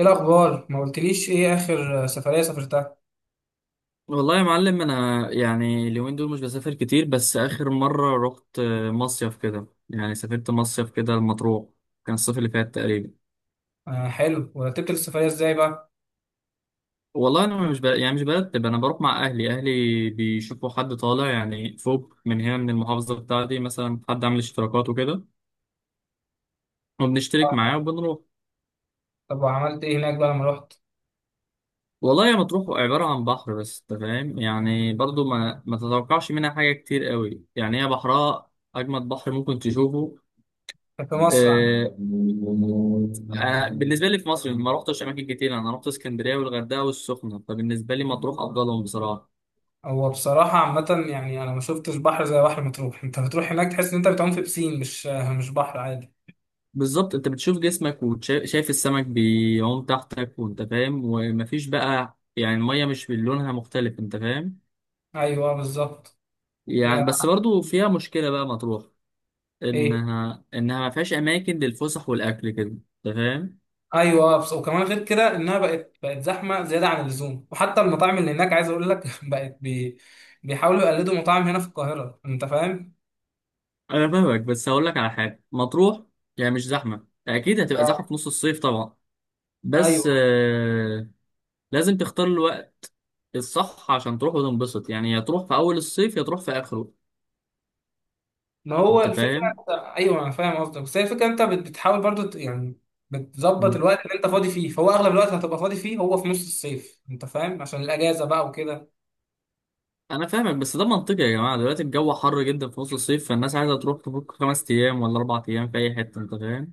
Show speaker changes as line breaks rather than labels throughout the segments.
ايه الاخبار؟ ما قلتليش ايه اخر سفريه سافرتها.
والله يا معلم انا يعني اليومين دول مش بسافر كتير بس اخر مره رحت مصيف كده يعني سافرت مصيف كده المطروح كان الصيف اللي فات تقريبا.
آه حلو، ورتبت السفريه ازاي بقى؟
والله انا مش ب... يعني مش برتب انا بروح مع اهلي. بيشوفوا حد طالع يعني فوق من هنا من المحافظه بتاعتي مثلا حد عامل اشتراكات وكده وبنشترك معاه وبنروح.
طب وعملت ايه هناك بقى لما رحت؟
والله يا مطروح عباره عن بحر بس انت فاهم يعني برضو ما تتوقعش منها حاجه كتير قوي يعني هي بحرها اجمد بحر ممكن تشوفه.
كان في مصر عم.
آه، أنا بالنسبة لي في مصر ما رحتش أماكن كتير، أنا رحت اسكندرية والغردقة والسخنة، فبالنسبة لي مطروح أفضلهم بصراحة.
هو بصراحه عامه يعني انا ما شفتش بحر زي بحر مطروح، انت بتروح هناك تحس ان انت بتعوم في بسين، مش مش بحر عادي.
بالظبط، أنت بتشوف جسمك وشايف السمك بيعوم تحتك وأنت فاهم، ومفيش بقى يعني المية مش من لونها مختلف أنت فاهم.
ايوه آه، بالظبط.
يعني بس برضو فيها مشكلة بقى مطروح،
ايه.
إنها ما فيهاش أماكن للفسح والأكل كده أنت فاهم.
ايوه آه، بس وكمان غير كده انها بقت زحمه زياده عن اللزوم، وحتى المطاعم اللي هناك عايز اقول لك بيحاولوا يقلدوا مطاعم هنا في القاهره، انت فاهم.
أنا فاهمك بس هقول لك على حاجة. مطروح يعني مش زحمة، أكيد هتبقى زحمة
آه.
في نص الصيف طبعا. بس
ايوه.
لازم تختار الوقت الصح عشان تروح وتنبسط، يعني يا تروح في اول الصيف يا تروح في اخره
ما هو
انت
الفكرة،
فاهم.
انت ايوه انا فاهم قصدك بس هي الفكرة انت بتحاول برضو يعني بتظبط
مم.
الوقت اللي انت فاضي فيه، فهو اغلب الوقت هتبقى فاضي فيه هو في نص الصيف، انت فاهم، عشان الاجازة بقى وكده.
انا فاهمك بس ده منطقي يا جماعه، دلوقتي الجو حر جدا في نص الصيف فالناس عايزه تروح تفك 5 ايام ولا 4 ايام في اي حته انت فاهم.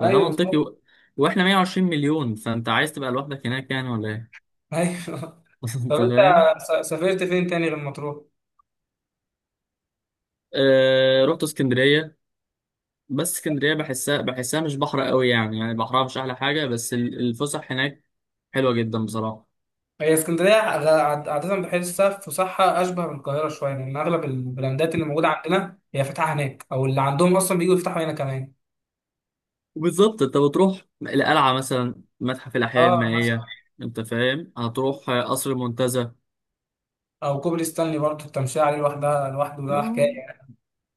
فده
ايوه
منطقي
بالظبط.
واحنا 120 مليون، فانت عايز تبقى لوحدك هناك يعني ولا ايه؟
ايوه طب
انت
انت
فاهم.
سافرت فين تاني غير مطروح؟
رحت اسكندريه، بس اسكندريه بحسها مش بحر قوي يعني، يعني بحرها مش احلى حاجه، بس الفسح هناك حلوه جدا بصراحه.
هي اسكندرية عادة بحسها فسحة اشبه بالقاهرة شوية، لان اغلب البراندات اللي موجودة عندنا هي فاتحة هناك، او اللي عندهم اصلا بييجوا يفتحوا هنا كمان.
وبالظبط انت بتروح القلعة مثلا، متحف الأحياء
اه مثلا.
المائية انت فاهم، هتروح قصر المنتزه.
او كوبري ستانلي، برضو التمشية عليه لوحدها لوحده ده
اه،
حكاية.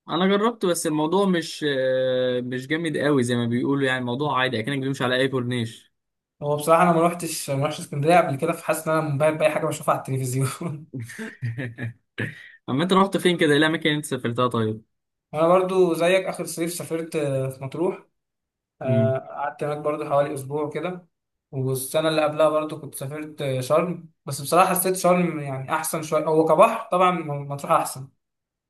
انا جربت بس الموضوع مش جامد قوي زي ما بيقولوا، يعني الموضوع عادي اكنك بتمشي على اي كورنيش.
هو بصراحة أنا ما روحتش اسكندرية قبل كده، فحاسس إن أنا منبهر بأي حاجة بشوفها على التلفزيون
اما انت رحت فين كده؟ ايه الاماكن اللي انت سافرتها طيب؟
أنا برضو زيك، آخر صيف سافرت في مطروح.
امم.
قعدت هناك برضو حوالي أسبوع كده. والسنة اللي قبلها برضو كنت سافرت شرم، بس بصراحة حسيت شرم يعني أحسن شوية، هو كبحر طبعا مطروح أحسن،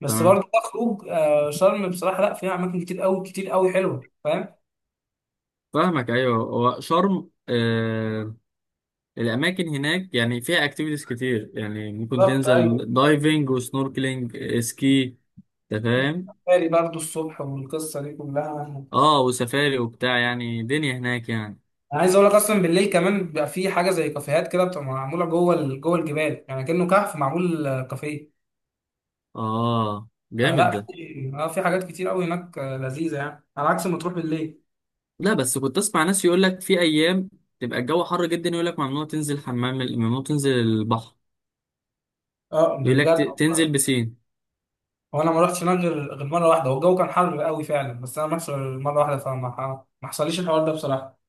بس
تمام،
برضو كخروج شرم بصراحة لأ، فيها أماكن كتير أوي كتير أوي حلوة، فاهم؟
فاهمك ايوه. هو شرم آه، الاماكن هناك يعني فيها اكتيفيتيز كتير، يعني ممكن
بالظبط أيوه
تنزل
بالظبط.
دايفنج وسنوركلينج سكي انت فاهم.
بالي برضو الصبح والقصة دي كلها.
اه وسفاري وبتاع، يعني دنيا هناك يعني.
انا عايز اقول لك اصلا بالليل كمان بيبقى في حاجه زي كافيهات كده، بتبقى معموله جوه جوه الجبال، يعني كانه كهف معمول كافيه.
اه
آه
جامد ده.
لا في اه في حاجات كتير قوي هناك لذيذه، يعني على عكس ما تروح بالليل.
لا بس كنت اسمع ناس يقول لك في ايام تبقى الجو حر جدا، يقول لك ممنوع تنزل حمام ممنوع تنزل البحر،
اه ده
يقول لك
بجد.
تنزل بسين.
وانا ما رحتش هناك غير مره واحده، والجو كان حر قوي فعلا، بس انا ما رحتش غير مره واحده، ما حصليش الحوار ده بصراحه.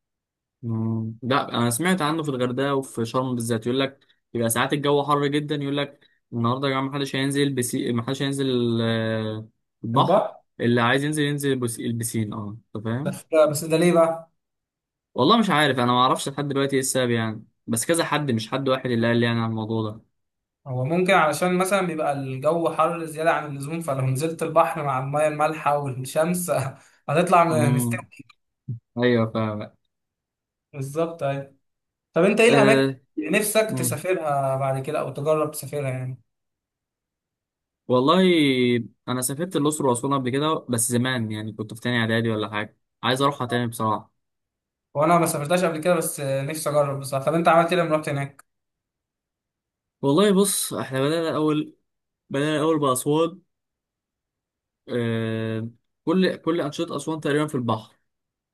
مم، لا انا سمعت عنه في الغردقه وفي شرم بالذات، يقول لك يبقى ساعات الجو حر جدا، يقول لك النهارده يا جماعه محدش هينزل بسين، محدش هينزل
في
البحر،
البحر.
اللي عايز ينزل ينزل البسين اه انت فاهم.
بس. بس ده ليه بقى؟
والله مش عارف، انا ما اعرفش لحد دلوقتي ايه السبب يعني، بس كذا حد، مش حد واحد اللي قال لي يعني على الموضوع ده.
هو ممكن علشان مثلا بيبقى الجو حر زياده عن اللزوم، فلو نزلت البحر مع الميه المالحه والشمس هتطلع
امم.
مستوي.
ايوه فاهم.
بالظبط أيوة. طب انت ايه الاماكن
أه.
اللي نفسك
مم.
تسافرها بعد كده، او تجرب تسافرها يعني؟
والله انا سافرت الاقصر واسوان قبل كده بس زمان، يعني كنت في تاني اعدادي ولا حاجه، عايز اروحها تاني بصراحه.
وانا ما سافرتهاش قبل كده، بس نفسي اجرب بصراحه. طب انت عملت ايه لما رحت هناك؟
والله بص، احنا بدانا الاول، بدانا الاول باسوان. أه. كل كل انشطه اسوان تقريبا في البحر،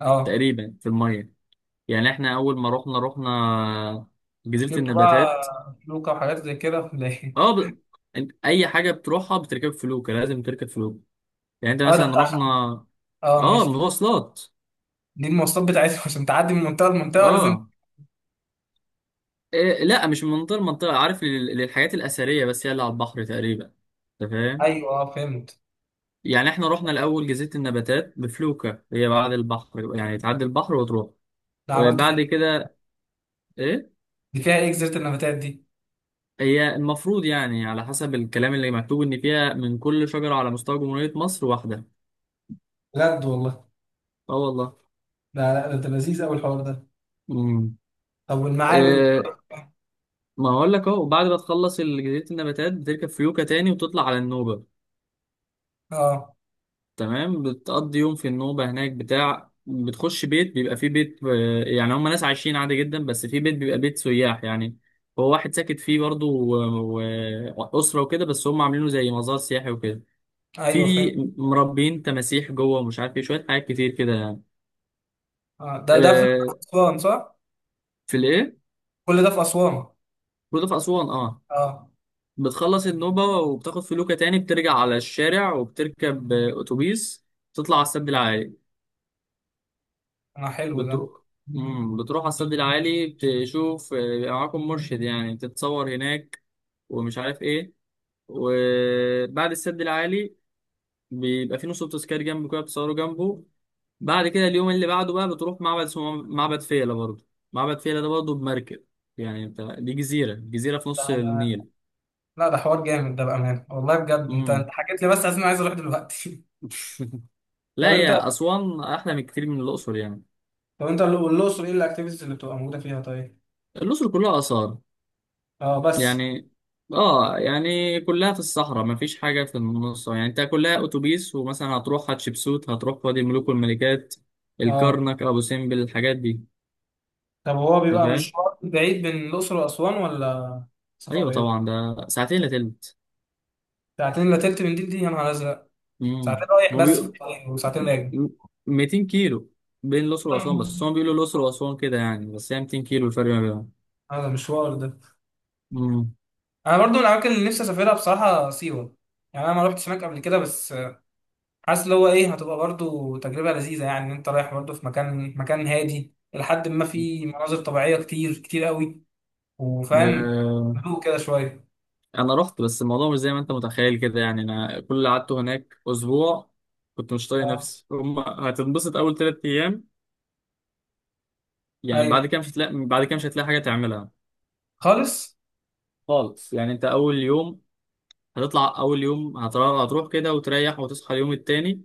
اه
تقريبا في الميه، يعني احنا اول ما رحنا جزيره
جبت بقى
النباتات.
لوكا وحاجات زي كده ولا ايه؟
اه ب... انت اي حاجه بتروحها بتركب فلوكه، لازم تركب فلوكه يعني. انت
اه ده
مثلا
بتاع-
رحنا.
اه
اه
ماشي.
مواصلات.
دي المواصلات بتاعتهم عشان تعدي من منطقه لمنطقه لازم.
اه، إيه لا، مش من منطقه لمنطقه، عارف، للحاجات الاثريه بس هي اللي على البحر تقريبا انت فاهم.
ايوه اه فهمت.
يعني احنا رحنا الاول جزيره النباتات بفلوكه، هي بعد البحر يعني، تعدي البحر وتروح.
ده عملته فيها.
بعد كده ايه،
دي فيها ايه جزيره النباتات دي؟
هي المفروض يعني على حسب الكلام اللي مكتوب ان فيها من كل شجره على مستوى جمهوريه مصر واحده.
بجد والله؟
اه والله.
لا لا، ده لذيذ قوي الحوار ده. طب والمعابد؟
امم. ما اقول لك اهو، بعد ما تخلص جزيرة النباتات بتركب فيوكة تاني وتطلع على النوبة.
اه
تمام، بتقضي يوم في النوبة هناك، بتاع بتخش بيت، بيبقى فيه بيت يعني هم ناس عايشين عادي جدا، بس في بيت بيبقى بيت سياح يعني، هو واحد ساكت فيه برضه وأسرة وكده، بس هم عاملينه زي مزار سياحي وكده. في
ايوه فهمت.
مربين تماسيح جوه ومش عارف ايه، شوية حاجات كتير كده يعني.
اه ده في
آه،
اسوان صح؟
في الايه؟
كل ده في اسوان؟
برضه في أسوان اه.
اه.
بتخلص النوبة وبتاخد فلوكة تاني، بترجع على الشارع وبتركب أتوبيس تطلع على السد العالي.
انا حلو
بتروح مم. بتروح على السد العالي، بتشوف بيبقى معاكم مرشد يعني، تتصور هناك ومش عارف ايه. وبعد السد العالي بيبقى في نص تذكاري جنبه كده، بتصوروا جنبه. بعد كده اليوم اللي بعده بقى بتروح معبد اسمه معبد فيلة برضه، معبد فيلة ده برضه بمركب، يعني انت دي جزيرة، في نص
ده.
النيل.
لا ده حوار جامد ده بأمانة والله بجد، انت
مم.
حكيت لي بس، عايز انا عايز اروح دلوقتي طب
لا
انت.
يا أسوان أحلى من كتير من الأقصر يعني.
طب انت والاقصر ايه الاكتيفيتيز اللي بتبقى موجودة فيها طيب؟
الأقصر كلها آثار
اه بس.
يعني، آه يعني كلها في الصحراء مفيش حاجة في النص، يعني أنت كلها أتوبيس، ومثلا هتروح حتشبسوت، هتروح وادي الملوك والملكات،
اه.
الكرنك، أبو سمبل، الحاجات دي
طب هو
أنت
بيبقى
فاهم؟
مشوار بعيد بين الاقصر واسوان، ولا سفر
أيوه
قريب؟
طبعا، ده ساعتين إلا تلت.
ساعتين الا تلت من دي يا نهار ازرق.
مم.
ساعتين رايح
هو
بس في
بي...
الطريق، وساعتين راجع.
200 كيلو بين الأقصر وأسوان، بس هم بيقولوا الأقصر وأسوان كده يعني، بس هي 200 كيلو الفرق ما بينهم.
هذا مشوار ده.
مم.
انا برضو من الاماكن اللي نفسي اسافرها بصراحة سيوة، يعني انا ما رحتش هناك قبل كده، بس حاسس اللي هو ايه، هتبقى برضو تجربة لذيذة، يعني ان انت رايح برضو في مكان هادي، لحد ما في مناظر طبيعية كتير كتير قوي، وفاهم
آه.
هدوء كده شوية.
انا رحت بس الموضوع مش زي ما انت متخيل كده، يعني انا كل اللي قعدته هناك اسبوع كنت مش طايق
اه
نفسي، هم هتنبسط اول 3 ايام يعني،
ايوه
بعد كده مش هتلاقي، بعد كده مش هتلاقي حاجه تعملها
خالص.
خالص يعني. انت اول يوم هتطلع، اول يوم هتروح، كده وتريح وتصحى اليوم التاني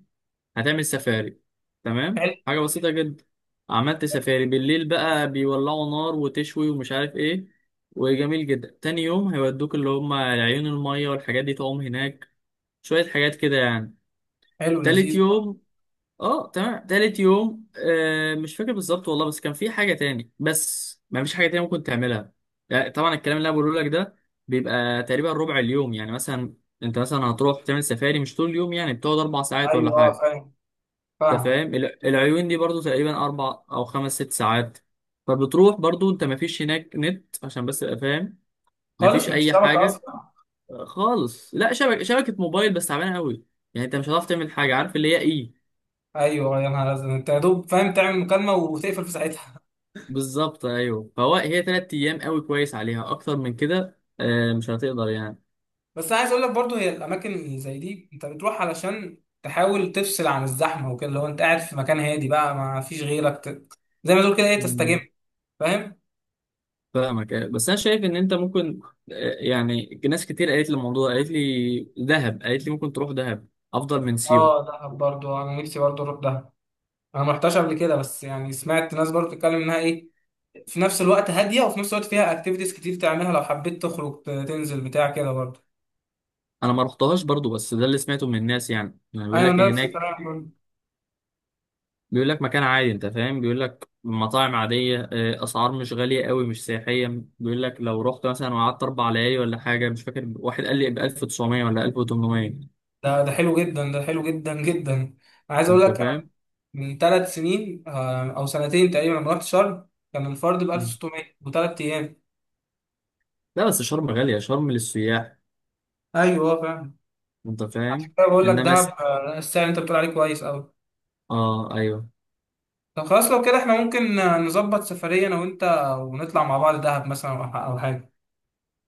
هتعمل سفاري، تمام
حلو
حاجه بسيطه جدا. عملت سفاري بالليل بقى، بيولعوا نار وتشوي ومش عارف ايه، وجميل جدا. تاني يوم هيودوك اللي هم عيون الميه، والحاجات دي تعوم هناك شويه حاجات كده يعني.
حلو
تالت
لذيذ آه.
يوم، اه تمام، تالت يوم آه مش فاكر بالظبط والله، بس كان في حاجة تاني، بس ما فيش حاجة تانية ممكن تعملها. لا، طبعا الكلام اللي انا بقوله لك ده بيبقى تقريبا ربع اليوم يعني، مثلا انت مثلا هتروح تعمل سفاري مش طول اليوم، يعني بتقعد 4 ساعات ولا
ايوه اه
حاجة
فاهم.
انت
فاهم.
فاهم. العيون دي برضو تقريبا اربع او خمس ست ساعات، فبتروح برضو انت. ما فيش هناك نت عشان بس تبقى فاهم، ما فيش
خالص مفيش
اي
شبكة
حاجة
اصلا.
خالص، لا شبكة موبايل بس تعبانة قوي يعني، انت مش هتعرف تعمل حاجة عارف اللي هي ايه.
ايوه يا نهار ازرق، انت يا دوب فاهم تعمل مكالمة وتقفل في ساعتها
بالظبط ايوه، فهو هي 3 ايام قوي كويس عليها، اكتر من كده مش هتقدر يعني.
بس أنا عايز اقول لك برضو، هي الاماكن اللي زي دي انت بتروح علشان تحاول تفصل عن الزحمة وكده، لو انت قاعد في مكان هادي بقى ما فيش غيرك زي ما تقول كده ايه، تستجم،
مم.
فاهم.
فاهمك بس انا شايف ان انت ممكن يعني ناس كتير قالت لي الموضوع، قالت لي دهب، قالت لي ممكن تروح دهب افضل من سيوه.
اه دهب برضو، انا نفسي برضو اروح دهب. انا ما رحتش قبل كده، بس يعني سمعت ناس برضو بتتكلم انها ايه، في نفس الوقت هاديه، وفي نفس الوقت فيها اكتيفيتيز كتير تعملها لو حبيت تخرج تنزل بتاع كده برضو.
انا ما رحتهاش برضو بس ده اللي سمعته من الناس، يعني يعني بيقول
ايوه
لك ان
نفس
هناك،
الكلام برضو.
بيقول لك مكان عادي انت فاهم، بيقول لك مطاعم عاديه اسعار مش غاليه قوي، مش سياحيه، بيقول لك لو رحت مثلا وقعدت 4 ليالي ولا حاجه مش فاكر، واحد قال لي ب 1900 ولا 1800
ده حلو جدا، ده حلو جدا جدا. انا عايز اقول
انت
لك انا
فاهم.
من 3 سنين آه، او سنتين تقريبا، لما رحت شرم كان الفرد ب 1600 و3 ايام.
لا بس شرم غالية، شرم للسياح
ايوه فاهم.
انت
عشان
فاهم.
كده بقول لك
انما
دهب
س...
آه، السعر اللي انت بتقول عليه كويس قوي.
اه ايوه.
طب خلاص لو كده احنا ممكن نظبط سفرية انا وانت، ونطلع مع بعض دهب مثلا، او حاجة.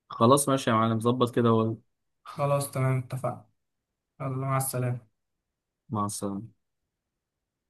خلاص ماشي يا معلم، ظبط كده.
خلاص تمام اتفقنا. يلا مع السلامة.
ومع السلامة.